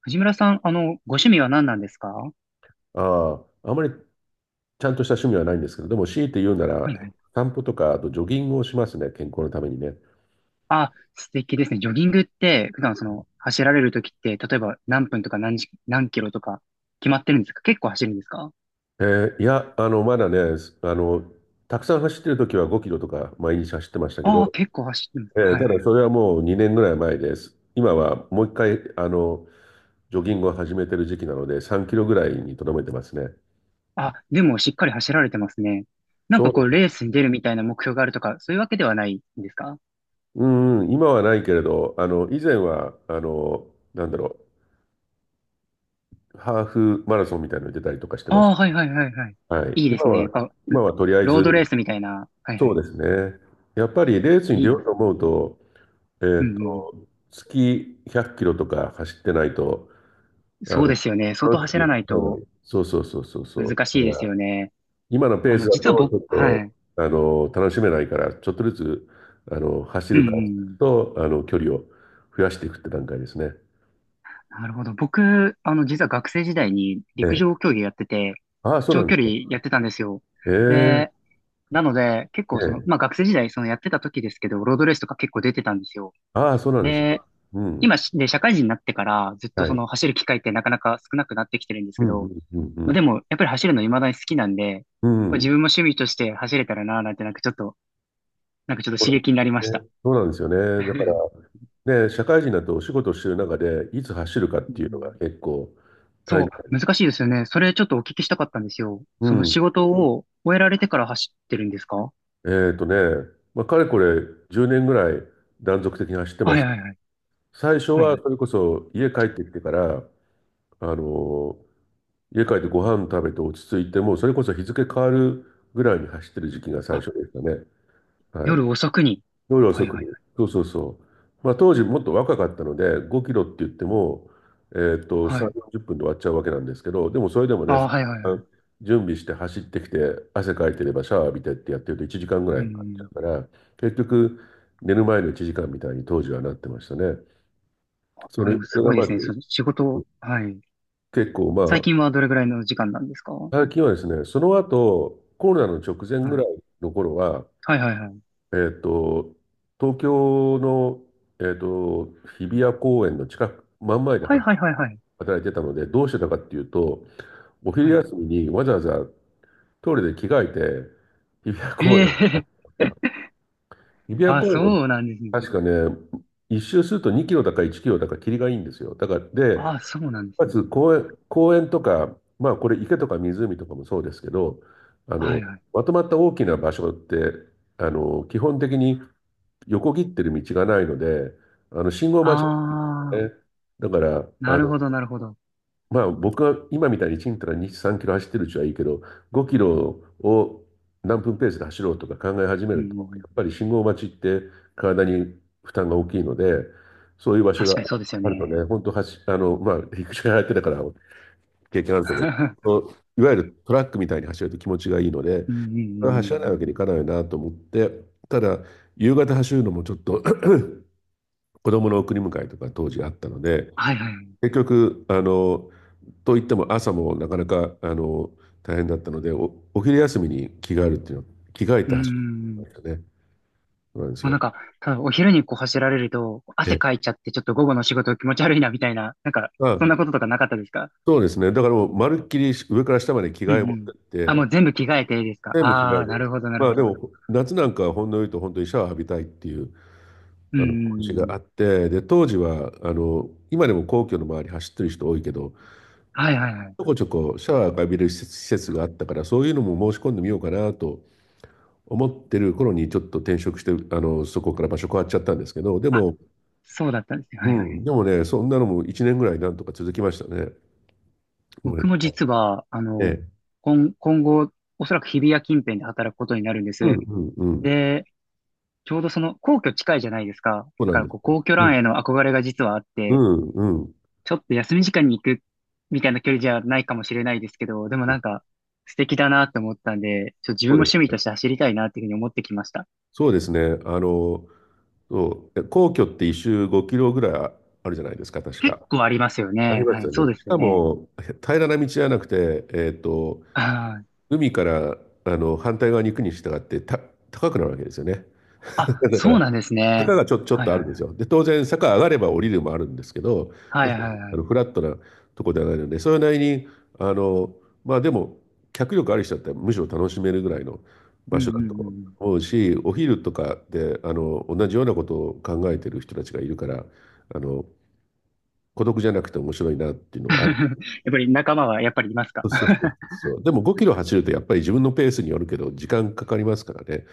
藤村さん、ご趣味は何なんですか？はああ、あまりちゃんとした趣味はないんですけど、でも強いて言うなら、いはい。散歩とか、あとジョギングをしますね、健康のためにね。あ、素敵ですね。ジョギングって、普段走られるときって、例えば何分とか何時、何キロとか、決まってるんですか？結構走るんですか？まだね、すあの、たくさん走ってる時は5キロとか毎日走ってましたけど、ああー、結構走ってます。はいたはいだはそい。れはもう2年ぐらい前です。今はもう一回、ジョギングを始めてる時期なので、3キロぐらいにとどめてますね。あ、でもしっかり走られてますね。なんかこう、そレースに出るみたいな目標があるとか、そういうわけではないんですか？う、うんうん、今はないけれど、以前は、なんだろう、ハーフマラソンみたいなのに出たりとかしてま、ああー、はいはいはいはい。はい。いいで今すね。は、今はとりあえロードレーず、スみたいな。はいはそうい。ですね。やっぱりレースにい出いよでうとす思うね。と、えうーんうん。と、月100キロとか走ってないと、あそうの、ですよね。相当楽し走くらはない走れなとい。そうそうそうそうそう。難だしいかですらよね。今のペースだと、実はち僕、ょっはと、い。楽しめないから、ちょっとずつ、走うんるう感じん。と、距離を増やしていくって段階ですね。なるほど。僕、実は学生時代にえ陸上え。競技やってて、ああ、そうな長ん距です離ね。やってたんですよ。ええ、で、なので、結え構え。まあ学生時代、やってた時ですけど、ロードレースとか結構出てたんですよ。ああ、そうなんですね。で、うん。今し、で、社会人になってから、ずっとはい。走る機会ってなかなか少なくなってきてるんですうけん、うん、ど、うん、うまあでん。も、やっぱり走るの未だに好きなんで、うこれ自ん。分も趣味として走れたらなぁなんて、なんかちょっとそうな刺ん激になりましですた。ね、そうなんですよ うね。だかんら、ね、社会人だとお仕事をしてる中で、いつ走るかっうていうのがん結構大変。そう、難しいですよね。それちょっとお聞きしたかったんですよ。うその仕ん。事を終えられてから走ってるんですか？はえっとね、まあ、かれこれ10年ぐらい断続的に走っていまはいす。はい。最初はいははい。それこそ家帰ってきてから、あの家帰ってご飯食べて落ち着いて、もうそれこそ日付変わるぐらいに走ってる時期が最あ、初でしたね。はい。夜遅くに。夜は遅いはいく。そうそうそう。まあ、当時もっと若かったので、5キロって言っても、はい。3、はい。40分で終わっちゃうわけなんですけど、でもそれでもね、あ、そはいはいのは時間い。準備して走ってきて、汗かいてればシャワー浴びてってやってると1時間ぐらういかかっちゃん。うから、結局、寝る前の1時間みたいに当時はなってましたね。そあ、でれ、もそれすごがいでまず、すね。その仕事、はい。結構ま、最あ、近はどれぐらいの時間なんですか？はい。最近はですね、その後、コロナの直前ぐらいの頃は、はいはいはい。えっと、東京の、えっと、日比谷公園の近く、真ん前ではいはいはいはい。働いてたので、どうしてたかっていうと、お昼はい。休みにわざわざトイレで着替えて、日比谷公え園を走え った。日 比谷あ、公園もそうなんですね。確かね、一周すると2キロだか1キロだか霧がいいんですよ。だから、で、あ、そうなんですまね。ず公園、公園とか、まあこれ池とか湖とかもそうですけど、あはの、いはい。まとまった大きな場所って、基本的に横切ってる道がないので、あの信号待ちなああ、んですね。だから、なるほどなるほど。まあ僕が今みたいにちんたら2、3キロ走ってるうちはいいけど、5キロを何分ペースで走ろうとか考え始めうんうるんうと、やん。っぱり信号待ちって体に負担が大きいので、そういう場所確がかにそうですよあるとね、ね。本当走、まあ陸上やってたから経験あるとね、そう、いわゆるトラックみたいに走ると気持ちがいいので、うんうんうん走らなういん。わけにいかないなと思って、ただ、夕方走るのもちょっと、 子供の送り迎えとか当時あったので、はいはい。結局、といっても朝もなかなか大変だったので、お、お昼休みに着替えるっていうの、着替えうて走るん。んもですよね。そうなんですうなんよ。か、ただお昼にこう走られると、汗え、かいちゃってちょっと午後の仕事気持ち悪いなみたいな、なんか、まあ、そんなこととかなかったですか？そうですね、だからもうまるっきり上から下まで着うん替え持うってん。っあ、もてう全部着替えていいですか？全部着替あえあー、なでるす。ほどなるまあほでど。も夏なんかはほんの言うと本当にシャワー浴びたいっていううんう気持ちんうがん。あって、で当時は今でも皇居の周り走ってる人多いけど、はいはいはい。ちょこちょこシャワーが浴びれる施設、施設があったから、そういうのも申し込んでみようかなと思ってる頃にちょっと転職して、そこから場所変わっちゃったんですけど、であ、も、そうだったんですね。うはいはん、い。でもね、そんなのも1年ぐらいなんとか続きましたね。は僕い。も実は、ええ。今後、おそらく日比谷近辺で働くことになるんでうんす。うんうん。で、ちょうどその皇居近いじゃないですか。そうだなんからですこうよ。皇居うラん。ンへの憧れが実はあっうて、んうん。ちょっと休み時間に行くみたいな距離じゃないかもしれないですけど、でもなんか素敵だなって思ったんで、ちょっと自分もそうです趣味ね。として走りたいなっていうふうに思ってきました。そうですね。そう、え、皇居って一周5キロぐらいあ、あるじゃないですか、確結か。構ありますよありね。まはすい、よそうでね。しすよかね。も、へ、平らな道じゃなくて、あー海から、あの反対側に行くに従って、た、高くなるわけですよね。 あ、だかそうらなんです坂ね。がちょ、ちょっはいとあはるいんではすい。よ。で当然坂上がれば降りるもあるんですけど、は要いすはるにいはあのい。フラットなとこではないのでそれなりに、あのまあでも脚力ある人だったらむしろ楽しめるぐらいのう場ん所だうんとうん。思うし、お昼とかで、あの同じようなことを考えてる人たちがいるから、あの孤独じゃなくて面白いなっていうのはある。 やっぱり仲間はやっぱりいますか？ そうそうそう そう、でも5キロ走るとやっぱり自分のペースによるけど時間かかりますからね。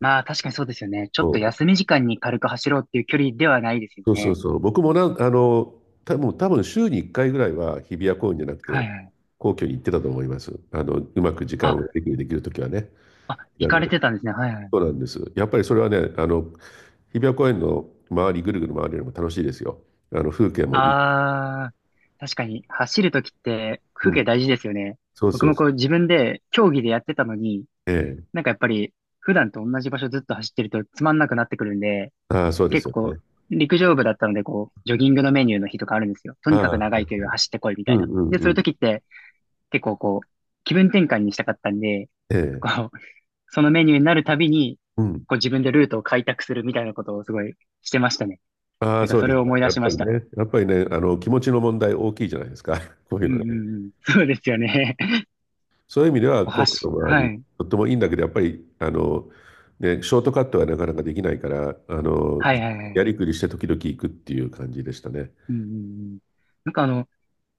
まあ確かにそうですよね。ちょっとそ休み時間に軽く走ろうっていう距離ではないですようそうね。そうそう。僕もなん、た、もう多分週に1回ぐらいは日比谷公園じゃなくはて、いはい。皇居に行ってたと思います。うまく時間あ、をできる、できるときはね。あ、時行間かが、れてたんですね。はいはい。そうなんです。やっぱりそれはね、日比谷公園の周り、ぐるぐる回るよりも楽しいですよ。風景もいい。ああ、確かに走るときってう風ん。景大事ですよね。そう僕そもうそう。こう自分で競技でやってたのに、ええ。なんかやっぱり普段と同じ場所ずっと走ってるとつまんなくなってくるんで、ああ、そうで結す構よこね。う陸上部だったのでこうジョギングのメニューの日とかあるんですよ。とあにかくあ、長はいい距離はをい。走ってこいみうたいんな。うんで、そうういうとん。きって結構こう気分転換にしたかったんで、ええ。こう、そのメニューになるたびに、うん。こう自分でルートを開拓するみたいなことをすごいしてましたね。あなあ、んかそうそでれすをか。思い出やしっまぱしりた。ね、やっぱりね、気持ちの問題大きいじゃないですか。こういううんのね。うんうん。そうですよね。そういう意味でこはう皇居の走、周はり、い。とってもいいんだけど、やっぱり、ね、ショートカットはなかなかできないから、はいはいはいはやりい。くりして時々行くっていう感じでしたね。うんうんうん。なんか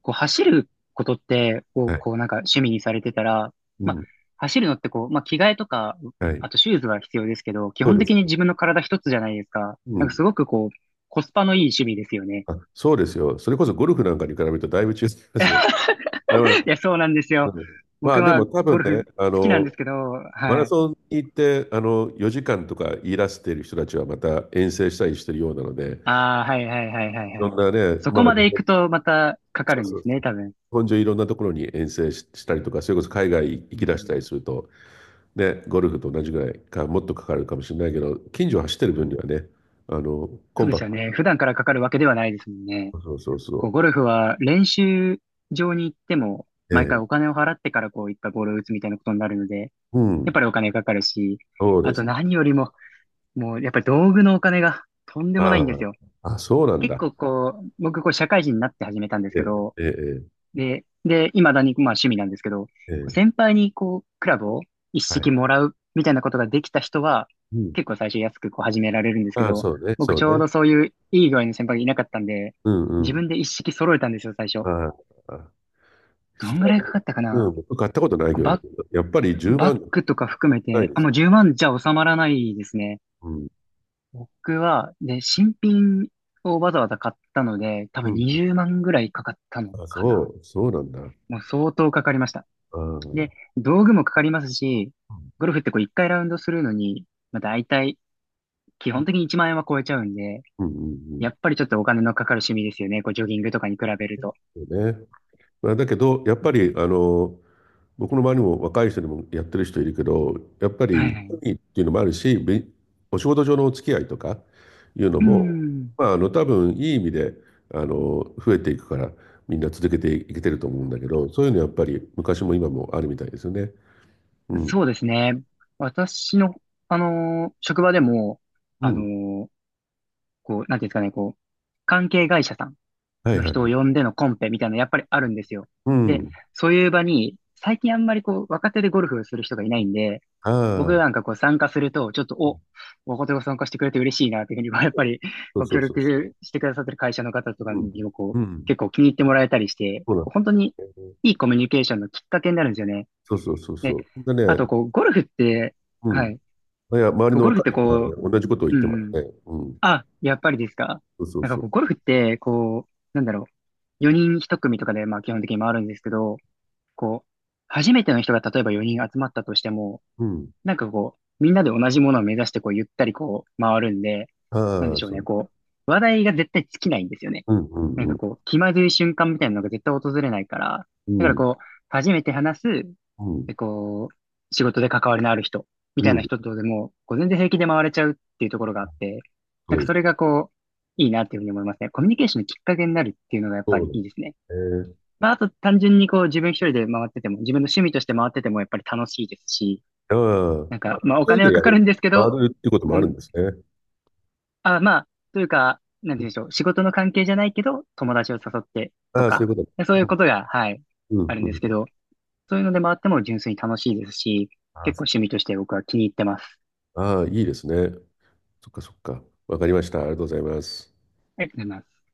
こう走ることってを、はい。こうなんか趣味にされてたら、うまあ、ん。走るのってこう、まあ、着替えとか、はい。あとシューズは必要ですけど、基そう本です。的に自分の体一つじゃないですか。うなんかん。すごくこう、コスパのいい趣味ですよね。あ、そうですよ。それこそゴルフなんかに比べるとだいぶ違いますよ。あの、いや、そうなんですうよ。ん、ま僕あではも多ゴ分ルね、フ好きなんですけど、マはラい。ソンに行って、4時間とか言い出している人たちはまた遠征したりしてるようなので、ああ、はいはいはいはいはそい。んなね、そまこだま日で行本、くとまたかかそうるんそでうすそう。ね、日多分。本中いろんなところに遠征し、したりとか、それこそ海外行うき出したりん、すると、ね、ゴルフと同じぐらいか、もっとかかるかもしれないけど、近所を走ってる分にはね、あの、コそンうでパすクよね。普段からかかるわけではないですもんね。ト。そうそうこう、そゴルフは練習場に行っても、う。え毎回え、お金を払ってからこういったボールを打つみたいなことになるので、うやっん、ぱりお金かかるし、そうであとすね。何よりも、もうやっぱり道具のお金がとんでもないんであすよ。あ、あ、そうなん結だ。構こう、僕こう社会人になって始めたんですえけど、え、ええ、で、未だにまあ趣味なんですけど、こええ、うえ先輩にこう、クラブを一え、は式い。もらうみたいなことができた人は、うん。結構最初安くこう始められるんですけああ、ど、そうね、僕そうちょうね。どそういういい具合の先輩がいなかったんで、うん、自うん。分で一式揃えたんですよ、最初。ああ、あ、どすんぐごい。らいかかったかうな。ん、僕買ったことないけどね、バッ、やっぱり10バッ万グとか含めないて、であ、すもよ。う10万じゃ収まらないですね。うん、僕は、で、新品をわざわざ買ったので、多う分ん。20万ぐらいかかったのあ、かな。そう、そうなんだ。もう相当かかりました。ああ、うで、ん道具もかかりますし、ゴルフってこう1回ラウンドするのに、まあ大体、基本的に1万円は超えちゃうんで、うんうん、やっぱりちょっとお金のかかる趣味ですよね。こうジョギングとかに比べると。そうね。まあ、だけど、やっうぱんり、僕の周りも若い人でもやってる人いるけど、やっぱはり、いはい。趣味っていうのもあるし、び、お仕事上のお付き合いとかいうのうも、ん。まあ、多分いい意味で、増えていくから、みんな続けていけてると思うんだけど、そういうのやっぱり昔も今もあるみたいですよね。うん。そうですね。私の、職場でも、うあのん。ーこう、なんていうんですかね、こう、関係会社さんはいのはい。人を呼んでのコンペみたいなのやっぱりあるんですよ。うで、ん。そういう場に、最近あんまりこう、若手でゴルフをする人がいないんで、僕あなんあ、かこう参加すると、ちょっと、若手が参加してくれて嬉しいな、というふうに、まあやっぱり、そうごそ協うそうそ力してくださってる会社の方とかう。うにん。もこうう、結ん。構気に入ってもらえたりして、そうなんこでう本当にすね。いいコミュニケーションのきっかけになるんですよね。そうそうそうで、そう。であと、ね、こう、ゴルフって、うん。はい。いや、周りこうのゴルフって若い人はね、こう、同じことを言っうてまんうすん。ね。うん。あ、やっぱりですか？そうそうなんかそこう。う、ゴルフって、こう、なんだろう。4人1組とかで、まあ基本的に回るんですけど、こう、初めての人が例えば4人集まったとしても、うん。なんかこう、みんなで同じものを目指して、こう、ゆったりこう、回るんで、なんあであ、しょうそね、う。こう、話題が絶対尽きないんですよね。うん、うなんん、うかん。こう、気まずい瞬間みたいなのが絶対訪れないから、うだからん、こう、初めて話す、うで、こう、仕事で関わりのある人、みん、たういなん。人とでも、こう、全然平気で回れちゃうっていうところがあって、なそんうかでそれす。がこう、いいなっていうふうに思いますね。コミュニケーションのきっかけになるっていうのがやっぱそうりなんいいでですね。すね。まあ、あと単純にこう、自分一人で回ってても、自分の趣味として回っててもやっぱり楽しいですし、ああ、あ、なんか、まあ、一お人金ではやかかるる、んですけ回ど、るっていうこともこあるんん、ですね。あ、まあ、というか、なんてう言うん、んでしょう。仕事の関係じゃないけど、友達を誘ってとああ、そういか、うこと。そういううことが、はい、ん、うあん、るんうですけん。ど、そういうのでもあっても純粋に楽しいですし、ああ、結構そ趣味として僕は気に入ってます。う、ああ、いいですね。そっかそっか。わかりました。ありがとうございます。ありがとうございます。